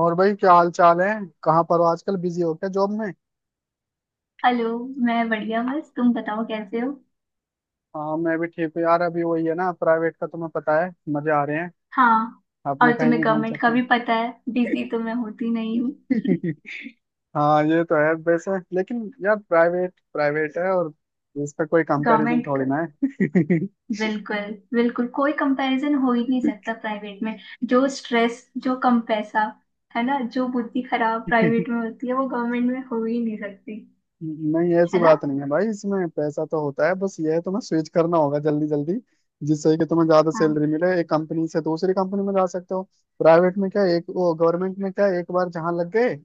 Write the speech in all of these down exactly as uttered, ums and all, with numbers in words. और भाई, क्या हाल चाल है? कहाँ पर हो? आजकल बिजी हो क्या जॉब में? हेलो। मैं बढ़िया। बस तुम बताओ कैसे हो? हाँ, मैं भी ठीक हूँ यार। अभी वही है ना, प्राइवेट का तुम्हें पता है, मजे आ रहे हैं। हाँ। अपने और कहीं तुम्हें भी घूम गवर्नमेंट का सकते हैं। भी पता है, बिजी तो मैं होती नहीं हूँ। हाँ, ये तो है वैसे, लेकिन यार, प्राइवेट प्राइवेट है और इसका कोई कंपैरिजन गवर्नमेंट का। थोड़ी ना। बिल्कुल। बिल्कुल कोई कंपैरिजन हो ही नहीं सकता प्राइवेट में। जो स्ट्रेस, जो कम पैसा है ना, जो बुद्धि खराब है। प्राइवेट में होती है वो गवर्नमेंट में हो ही नहीं सकती। नहीं, ऐसी है ना। बात नहीं है भाई, इसमें पैसा तो होता है। बस ये है, तुम्हें स्विच करना होगा जल्दी जल्दी, जिससे कि तुम्हें ज्यादा हाँ। सैलरी मिले। एक कंपनी से दूसरी कंपनी में जा सकते हो। प्राइवेट में क्या है, एक वो, गवर्नमेंट में क्या है, एक बार जहाँ लग गए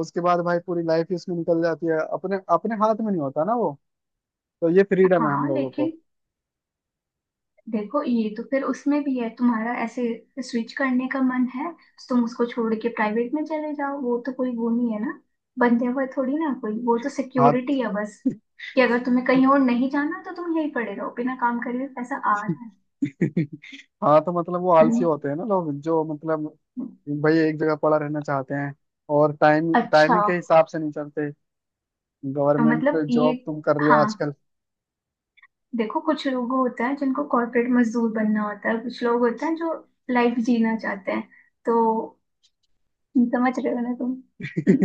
उसके बाद भाई पूरी लाइफ ही उसमें निकल जाती है। अपने अपने हाथ में नहीं होता ना वो। तो ये फ्रीडम है हम हाँ लोगों लेकिन को। देखो, ये तो फिर उसमें भी है तुम्हारा। ऐसे स्विच करने का मन है तो तुम उसको छोड़ के प्राइवेट में चले जाओ, वो तो कोई वो नहीं है ना। बंधे हुए थोड़ी ना कोई। वो तो हाथ। सिक्योरिटी है बस, कि अगर तुम्हें कहीं और नहीं जाना तो तुम यहीं पड़े रहो, बिना काम करे हुए पैसा आ रहा है। हाँ, तो मतलब वो आलसी हम्म। होते हैं ना लोग, जो मतलब भाई एक जगह पड़ा रहना चाहते हैं और टाइम अच्छा। टाइमिंग के हिसाब से नहीं चलते। तो गवर्नमेंट मतलब ये। जॉब तुम कर रही हो हाँ आजकल? देखो, कुछ लोग होते हैं जिनको कॉर्पोरेट मजदूर बनना होता है, कुछ लोग होते हैं जो लाइफ जीना चाहते हैं। तो समझ रहे हो ना तुम।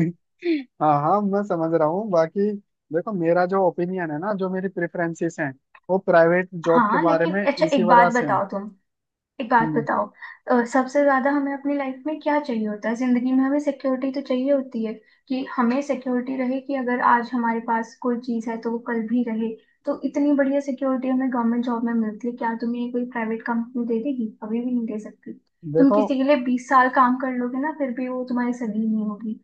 हाँ हाँ, मैं समझ रहा हूँ। बाकी देखो, मेरा जो ओपिनियन है ना, जो मेरी प्रेफरेंसेस हैं, वो प्राइवेट जॉब के हाँ बारे लेकिन में अच्छा, इसी एक बात वजह से हैं। बताओ तुम एक बात हम्म। बताओ। अ, सबसे ज्यादा हमें अपनी लाइफ में क्या चाहिए होता है? जिंदगी में हमें सिक्योरिटी तो चाहिए होती है, कि हमें सिक्योरिटी रहे, कि अगर आज हमारे पास कोई चीज है तो वो कल भी रहे। तो इतनी बढ़िया सिक्योरिटी हमें गवर्नमेंट जॉब में मिलती है, क्या तुम्हें ये कोई प्राइवेट कंपनी दे देगी? कभी भी नहीं दे सकती। तुम देखो किसी के लिए बीस साल काम कर लोगे ना फिर भी वो तुम्हारी सगी नहीं होगी।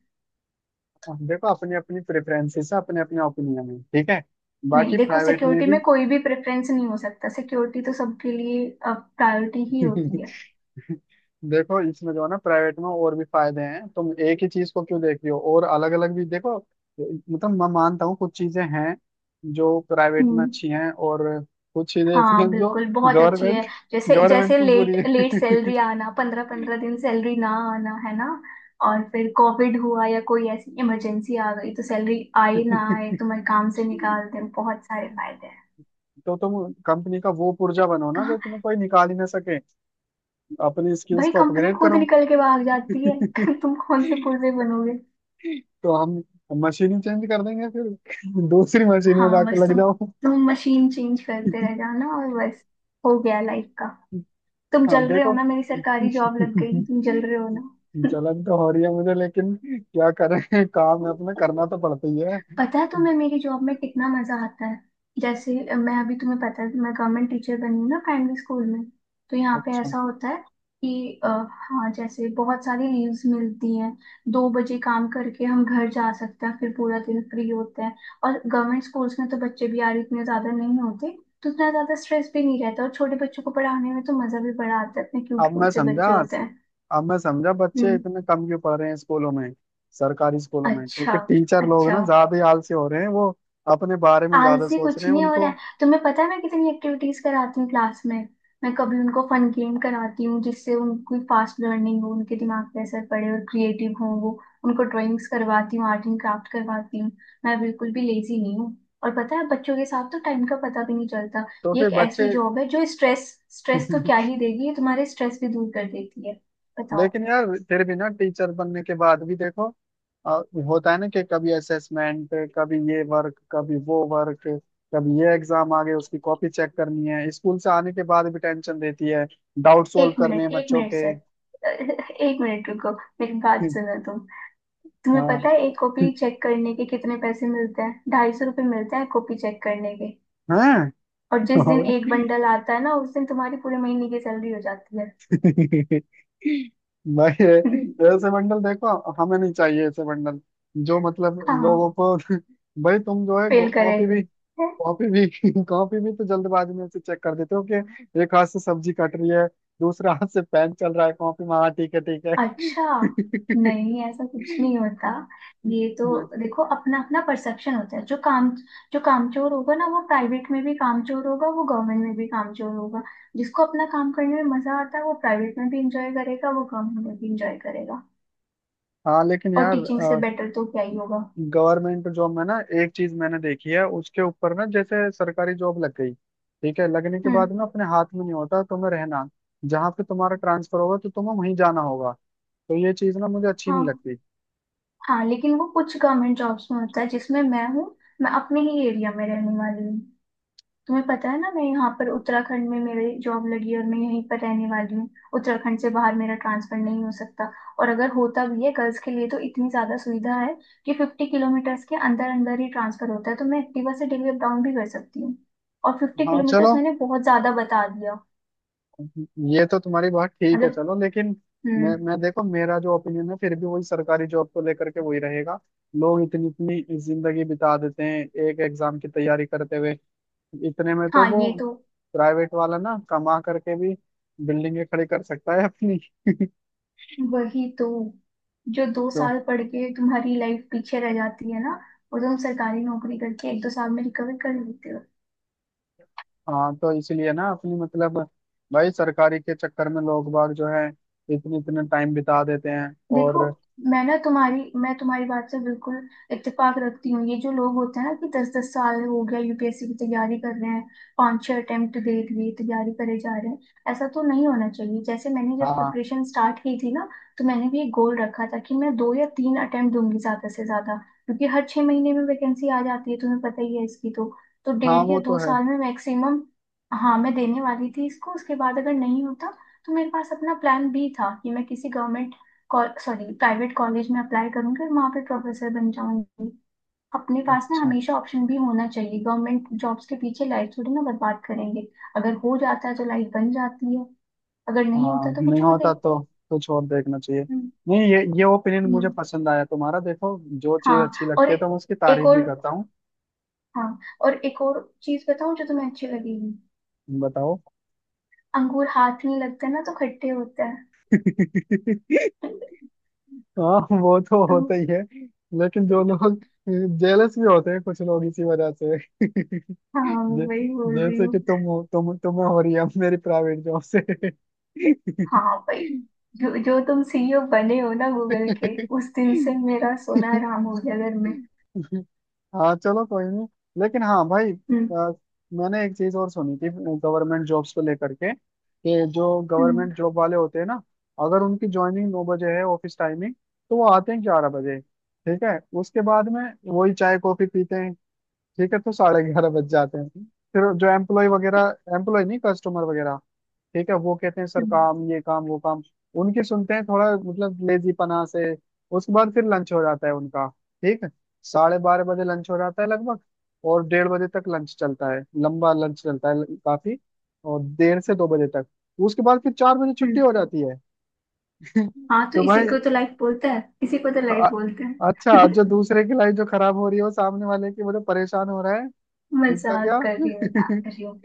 देखो, अपनी अपनी प्रेफरेंसेस है, अपने अपने ओपिनियन है, ठीक है। नहीं बाकी देखो, प्राइवेट में सिक्योरिटी भी। में कोई भी प्रेफरेंस नहीं हो सकता, सिक्योरिटी तो सबके लिए प्रायोरिटी ही होती है। देखो, इसमें जो है ना, प्राइवेट में और भी फायदे हैं। तुम एक ही चीज को क्यों देख रही हो? और अलग अलग भी देखो। मतलब मैं मानता हूँ कुछ चीजें हैं जो प्राइवेट में हम्म। अच्छी हैं, और कुछ चीजें ऐसी हाँ हैं जो बिल्कुल, बहुत अच्छी गवर्नमेंट है। जैसे जैसे गवर्नमेंट में बुरी लेट लेट है। सैलरी आना, पंद्रह पंद्रह दिन सैलरी ना आना, है ना। और फिर कोविड हुआ या कोई ऐसी इमरजेंसी आ गई तो सैलरी आए ना आए, तुम्हारे काम से निकाल दें, बहुत सारे फायदे हैं। तो तुम कंपनी का वो पुर्जा बनो ना जो कहाँ। तुम्हें कोई निकाल ही ना सके। अपनी स्किल्स भाई को कंपनी अपग्रेड खुद करो। निकल के भाग जाती है, तुम कौन से पुर्जे बनोगे। तो हम मशीन ही चेंज कर देंगे फिर। दूसरी मशीन में हाँ, जाके बस लग तुम जाओ। तुम मशीन चेंज करते रह जाना और बस हो गया लाइफ का। तुम हाँ, जल रहे हो देखो। ना, मेरी सरकारी जॉब लग गई, जलन तुम जल रहे हो ना। तो हो रही है मुझे, लेकिन क्या करें, काम है अपना, करना तो पड़ता ही है। पता है तुम्हें मेरी जॉब में कितना मजा आता है। जैसे अ, मैं अभी तुम्हें पता है मैं गवर्नमेंट टीचर बनी हूँ ना, प्राइमरी स्कूल में। तो यहाँ पे अच्छा। ऐसा होता है कि अ, हाँ, जैसे बहुत सारी लीव्स मिलती हैं। दो बजे काम करके हम घर जा सकते हैं, फिर पूरा दिन फ्री होते हैं। और गवर्नमेंट स्कूल्स में तो बच्चे भी यार इतने ज्यादा नहीं होते। तो उतना ज्यादा स्ट्रेस भी नहीं रहता, और छोटे बच्चों को पढ़ाने में तो मजा भी बड़ा आता है, इतने क्यूट अब मैं क्यूट से समझा, बच्चे होते हैं। अब मैं समझा बच्चे हम्म। इतने कम क्यों पढ़ रहे हैं स्कूलों में। सरकारी स्कूलों में, अच्छा। क्योंकि टीचर लोग अच्छा, ना ज्यादा ही आलसी हो रहे हैं। वो अपने बारे में ज्यादा आलसी सोच कुछ रहे हैं नहीं हो उनको। रहा है, तुम्हें पता है मैं कितनी एक्टिविटीज कराती हूँ क्लास में। मैं कभी उनको फन गेम कराती हूँ जिससे उनकी फास्ट लर्निंग हो, उनके दिमाग पे असर पड़े और क्रिएटिव हो वो। उनको ड्राइंग्स करवाती हूँ, आर्ट एंड क्राफ्ट करवाती हूँ। मैं बिल्कुल भी लेजी नहीं हूँ। और पता है, बच्चों के साथ तो टाइम का पता भी नहीं चलता। तो ये फिर एक बच्चे। ऐसी जॉब है, जो स्ट्रेस स्ट्रेस तो क्या ही देगी, ये तुम्हारे स्ट्रेस भी दूर कर देती है। बताओ। लेकिन यार, फिर भी ना टीचर बनने के बाद भी देखो, अ, होता है ना कि कभी असेसमेंट, कभी ये वर्क, कभी वो वर्क, कभी ये एग्जाम आ गए उसकी कॉपी चेक करनी है, स्कूल से आने के बाद भी टेंशन रहती है। डाउट सोल्व एक करने मिनट, हैं एक बच्चों मिनट के। सर, एक मिनट रुको, मेरी बात सुनो तुम। तुम्हें पता हाँ है एक कॉपी चेक करने के कितने पैसे मिलते हैं? ढाई सौ रुपये मिलते हैं कॉपी चेक करने के। हाँ। और जिस दिन एक बंडल आता है ना, उस दिन तुम्हारी पूरे महीने की सैलरी हो जाती है। भाई ये- ऐसे बंडल, देखो, हमें नहीं चाहिए ऐसे बंडल जो मतलब लोगों हाँ, को। भाई तुम जो है, फेल करे। कॉपी भी, हैं? कॉपी भी, कॉपी भी तो जल्दबाजी में से चेक कर देते हो कि एक हाथ से सब्जी कट रही है, दूसरा हाथ से पेन चल रहा है कॉपी में। हाँ ठीक है, ठीक है। अच्छा, नहीं ऐसा कुछ नहीं होता, ये तो। देखो, अपना अपना परसेप्शन होता है। जो काम जो कामचोर होगा ना, वो प्राइवेट में भी कामचोर होगा, वो गवर्नमेंट में भी कामचोर होगा। जिसको अपना काम करने में मजा आता है वो प्राइवेट में भी इंजॉय करेगा, वो गवर्नमेंट में भी इंजॉय करेगा। हाँ, लेकिन और यार, टीचिंग से बेटर तो क्या ही होगा। गवर्नमेंट जॉब में ना एक चीज मैंने देखी है उसके ऊपर ना। जैसे सरकारी जॉब लग गई, ठीक है, लगने के बाद हम्म। में अपने हाथ में नहीं होता तुम्हें रहना। जहाँ पे तुम्हारा ट्रांसफर होगा तो तुम्हें वहीं जाना होगा। तो ये चीज ना मुझे अच्छी नहीं हाँ। लगती। हाँ लेकिन वो कुछ गवर्नमेंट जॉब्स में होता है, जिसमें मैं हूँ। मैं अपने ही एरिया में रहने वाली हूँ। तुम्हें पता है ना, मैं यहाँ पर उत्तराखंड में मेरी जॉब लगी है और मैं यहीं पर रहने वाली हूँ। उत्तराखंड से बाहर मेरा ट्रांसफर नहीं हो सकता। और अगर होता भी है गर्ल्स के लिए तो इतनी ज्यादा सुविधा है कि फिफ्टी किलोमीटर्स के अंदर अंदर ही ट्रांसफर होता है, तो मैं एक्टिवा से डेली अप डाउन भी कर सकती हूँ। और फिफ्टी हाँ चलो, किलोमीटर्स मैंने बहुत ज्यादा बता दिया। ये तो तुम्हारी बात ठीक है, मतलब। चलो लेकिन मैं हम्म। मैं देखो, मेरा जो ओपिनियन है फिर भी वही सरकारी जॉब को लेकर के वही रहेगा। लोग इतनी इतनी जिंदगी बिता देते हैं एक एग्जाम की तैयारी करते हुए। इतने में तो हाँ वो ये तो। प्राइवेट वाला ना कमा करके भी बिल्डिंगें खड़ी कर सकता है अपनी। वही तो, जो दो तो साल पढ़ के तुम्हारी लाइफ पीछे रह जाती है ना, वो तुम सरकारी नौकरी करके एक दो साल में रिकवर कर लेते। हाँ, तो इसलिए ना अपनी, मतलब भाई सरकारी के चक्कर में लोग बाग जो है इतने इतने टाइम बिता देते हैं और देखो, मैं ना तुम्हारी मैं तुम्हारी बात से बिल्कुल इत्तेफाक रखती हूँ। ये जो लोग होते हैं ना, कि दस दस साल हो गया यू पी एस सी की तैयारी कर रहे हैं, पांच छह अटेम्प्ट दे दिए, तैयारी करे जा रहे हैं, ऐसा तो नहीं होना चाहिए। जैसे मैंने जब हाँ। प्रिपरेशन स्टार्ट की थी ना, तो मैंने भी एक गोल रखा था कि मैं दो या तीन अटेम्प्ट दूंगी ज्यादा से ज्यादा। क्योंकि हर छह महीने में वैकेंसी आ जाती है, तुम्हें पता ही है इसकी तो। तो हाँ, डेढ़ या वो तो दो है। साल में मैक्सिमम, हाँ मैं देने वाली थी इसको। उसके बाद अगर नहीं होता, तो मेरे पास अपना प्लान बी था कि मैं किसी गवर्नमेंट सॉरी प्राइवेट कॉलेज में अप्लाई करूंगी और वहां पे प्रोफेसर बन जाऊंगी। अपने पास ना अच्छा। हमेशा ऑप्शन भी होना चाहिए, गवर्नमेंट जॉब्स के पीछे लाइफ थोड़ी ना बर्बाद करेंगे। अगर हो जाता है तो लाइफ बन जाती है, अगर नहीं हाँ, होता तो नहीं कुछ और होता देखो। तो कुछ और देखना चाहिए। हम्म। नहीं, ये ये ओपिनियन हम्म। मुझे पसंद आया तुम्हारा। देखो, जो चीज हाँ। अच्छी और। लगती है तो मैं उसकी एक तारीफ भी और। करता हूँ। हाँ। और एक और चीज बताऊं जो तुम्हें अच्छी लगेगी। बताओ। अंगूर हाथ में लगते हैं ना तो खट्टे होते हैं। हाँ, वो तो तो होता ही है, लेकिन जो लोग जेलस भी होते हैं कुछ लोग इसी वजह से। हाँ, जे, वही बोल रही जैसे हूँ। कि तुम हो- तुम तुम्हें हो रही है अब मेरी प्राइवेट जॉब से। हाँ भाई, जो जो तुम सी ई ओ बने हो ना गूगल के, उस दिन से मेरा सोना हराम हो गया घर में। हाँ चलो, कोई नहीं। लेकिन हाँ भाई, हम्म। अ, मैंने एक चीज और सुनी थी गवर्नमेंट जॉब्स को लेकर के कि जो हम्म। गवर्नमेंट जॉब वाले होते हैं ना, अगर उनकी ज्वाइनिंग नौ बजे है, ऑफिस टाइमिंग, तो वो आते हैं ग्यारह बजे, ठीक है। उसके बाद में वही चाय कॉफी पीते हैं, ठीक है, तो साढ़े ग्यारह बज जाते हैं। फिर जो एम्प्लॉय वगैरह, एम्प्लॉय नहीं, कस्टमर वगैरह, ठीक है, वो कहते हैं सर हम्म। काम ये, काम वो, काम उनकी सुनते हैं थोड़ा, मतलब लेजीपना से। उसके बाद फिर लंच हो जाता है उनका, ठीक है। साढ़े बारह बजे लंच हो जाता है लगभग, और डेढ़ बजे तक लंच चलता है, लंबा लंच चलता है काफी। और डेढ़ से दो बजे तक। उसके बाद फिर चार बजे छुट्टी हम्म। हो जाती है। हाँ, तो तो इसी भाई, को तो लाइफ बोलते हैं, इसी को तो लाइफ अ- बोलते अच्छा, हैं। अब जो दूसरे की लाइफ जो खराब हो रही है वो सामने वाले की, वो जो परेशान हो रहा है उसका मजाक क्या? कर रही हूँ, मजाक कर रही हूँ।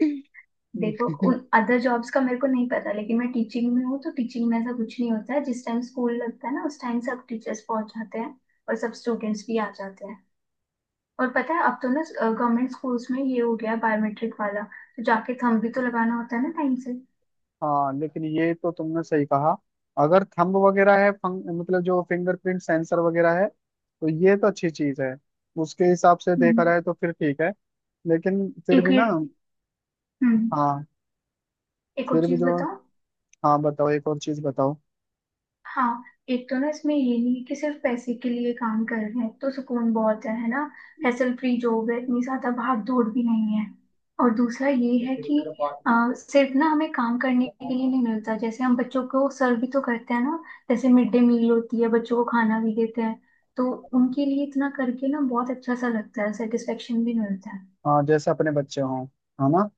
देखो उन अदर जॉब्स का मेरे को नहीं पता, लेकिन मैं टीचिंग में हूँ तो टीचिंग में ऐसा कुछ नहीं होता है। जिस टाइम स्कूल लगता है ना, उस टाइम सब टीचर्स पहुंच जाते हैं और सब स्टूडेंट्स भी आ जाते हैं। और पता है, अब तो ना गवर्नमेंट स्कूल्स में ये हो गया बायोमेट्रिक वाला, तो जाके थंब भी तो लगाना होता है ना टाइम से। हाँ, लेकिन ये तो तुमने सही कहा। अगर थंब वगैरह है, फंग, मतलब जो फिंगरप्रिंट सेंसर वगैरह है, तो ये तो अच्छी चीज है। उसके हिसाब से देखा हम्म। जाए तो फिर ठीक है। लेकिन फिर एक भी ये। ना, हम्म। हाँ एक और फिर भी चीज जो, बताओ। हाँ बताओ, एक और चीज बताओ। हाँ। एक तो ना इसमें ये नहीं है कि सिर्फ पैसे के लिए काम कर रहे हैं, तो सुकून बहुत है है ना। हैसल फ्री जॉब है, इतनी ज्यादा भाग दौड़ भी नहीं है। और दूसरा ये है कि आ, सिर्फ ना हमें काम करने के लिए नहीं मिलता, जैसे हम बच्चों को सर्व भी तो करते हैं ना। जैसे मिड डे मील होती है, बच्चों को खाना भी देते हैं। तो उनके लिए इतना करके ना बहुत अच्छा सा लगता है, सेटिस्फेक्शन भी मिलता है। हाँ, जैसे अपने बच्चे हों, है ना?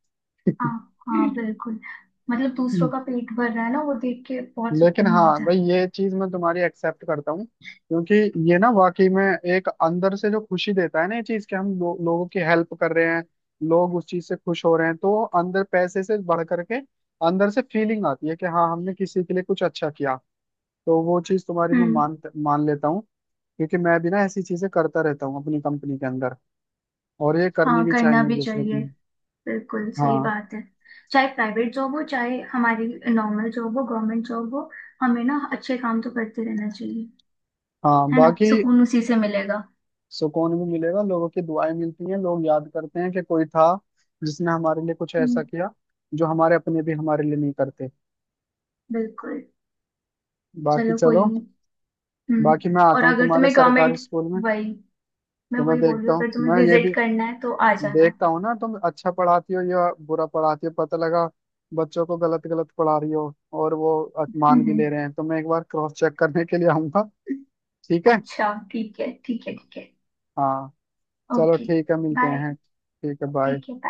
हाँ। हाँ बिल्कुल। मतलब दूसरों का पेट भर रहा है ना, वो देख के बहुत लेकिन सुकून हाँ मिलता भाई, है। ये चीज मैं तुम्हारी एक्सेप्ट करता हूँ, क्योंकि ये ना वाकई में एक अंदर से जो खुशी देता है ना ये चीज, कि हम लो, लोगों की हेल्प कर रहे हैं, लोग उस चीज से खुश हो रहे हैं। तो अंदर पैसे से बढ़ करके अंदर से फीलिंग आती है कि हाँ, हमने किसी के लिए कुछ अच्छा किया। तो वो चीज तुम्हारी मैं हम्म। मान मान लेता हूँ। क्योंकि मैं भी ना ऐसी चीजें करता रहता हूँ अपनी कंपनी के अंदर। और ये करनी हाँ, भी करना चाहिए एक भी दूसरे चाहिए, की। बिल्कुल सही हाँ बात है। चाहे प्राइवेट जॉब हो, चाहे हमारी नॉर्मल जॉब हो, गवर्नमेंट जॉब हो, हमें ना अच्छे काम तो करते रहना चाहिए। हाँ। है ना, बाकी सुकून उसी से मिलेगा। सुकून भी मिलेगा, लोगों की दुआएं मिलती हैं, लोग याद करते हैं कि कोई था जिसने हमारे लिए कुछ ऐसा हम्म। किया जो हमारे अपने भी हमारे लिए नहीं करते। बिल्कुल। बाकी चलो, कोई चलो। नहीं। हम्म। बाकी मैं और आता हूँ अगर तुम्हारे तुम्हें सरकारी गवर्नमेंट। स्कूल में। वही मैं तो मैं वही बोल रही देखता हूँ, हूँ, अगर तुम्हें मैं ये भी विजिट करना है तो आ जाना। देखता हूँ ना तुम अच्छा पढ़ाती हो या बुरा पढ़ाती हो। पता लगा बच्चों को गलत गलत पढ़ा रही हो और वो अ- हम्म। मान भी हम्म। ले रहे हैं। तो मैं एक बार क्रॉस चेक करने के लिए आऊंगा, ठीक है? अच्छा, ठीक है, ठीक है, ठीक है। हाँ चलो, ओके। ठीक है, मिलते बाय। हैं, ठीक है, ठीक बाय। है, bye.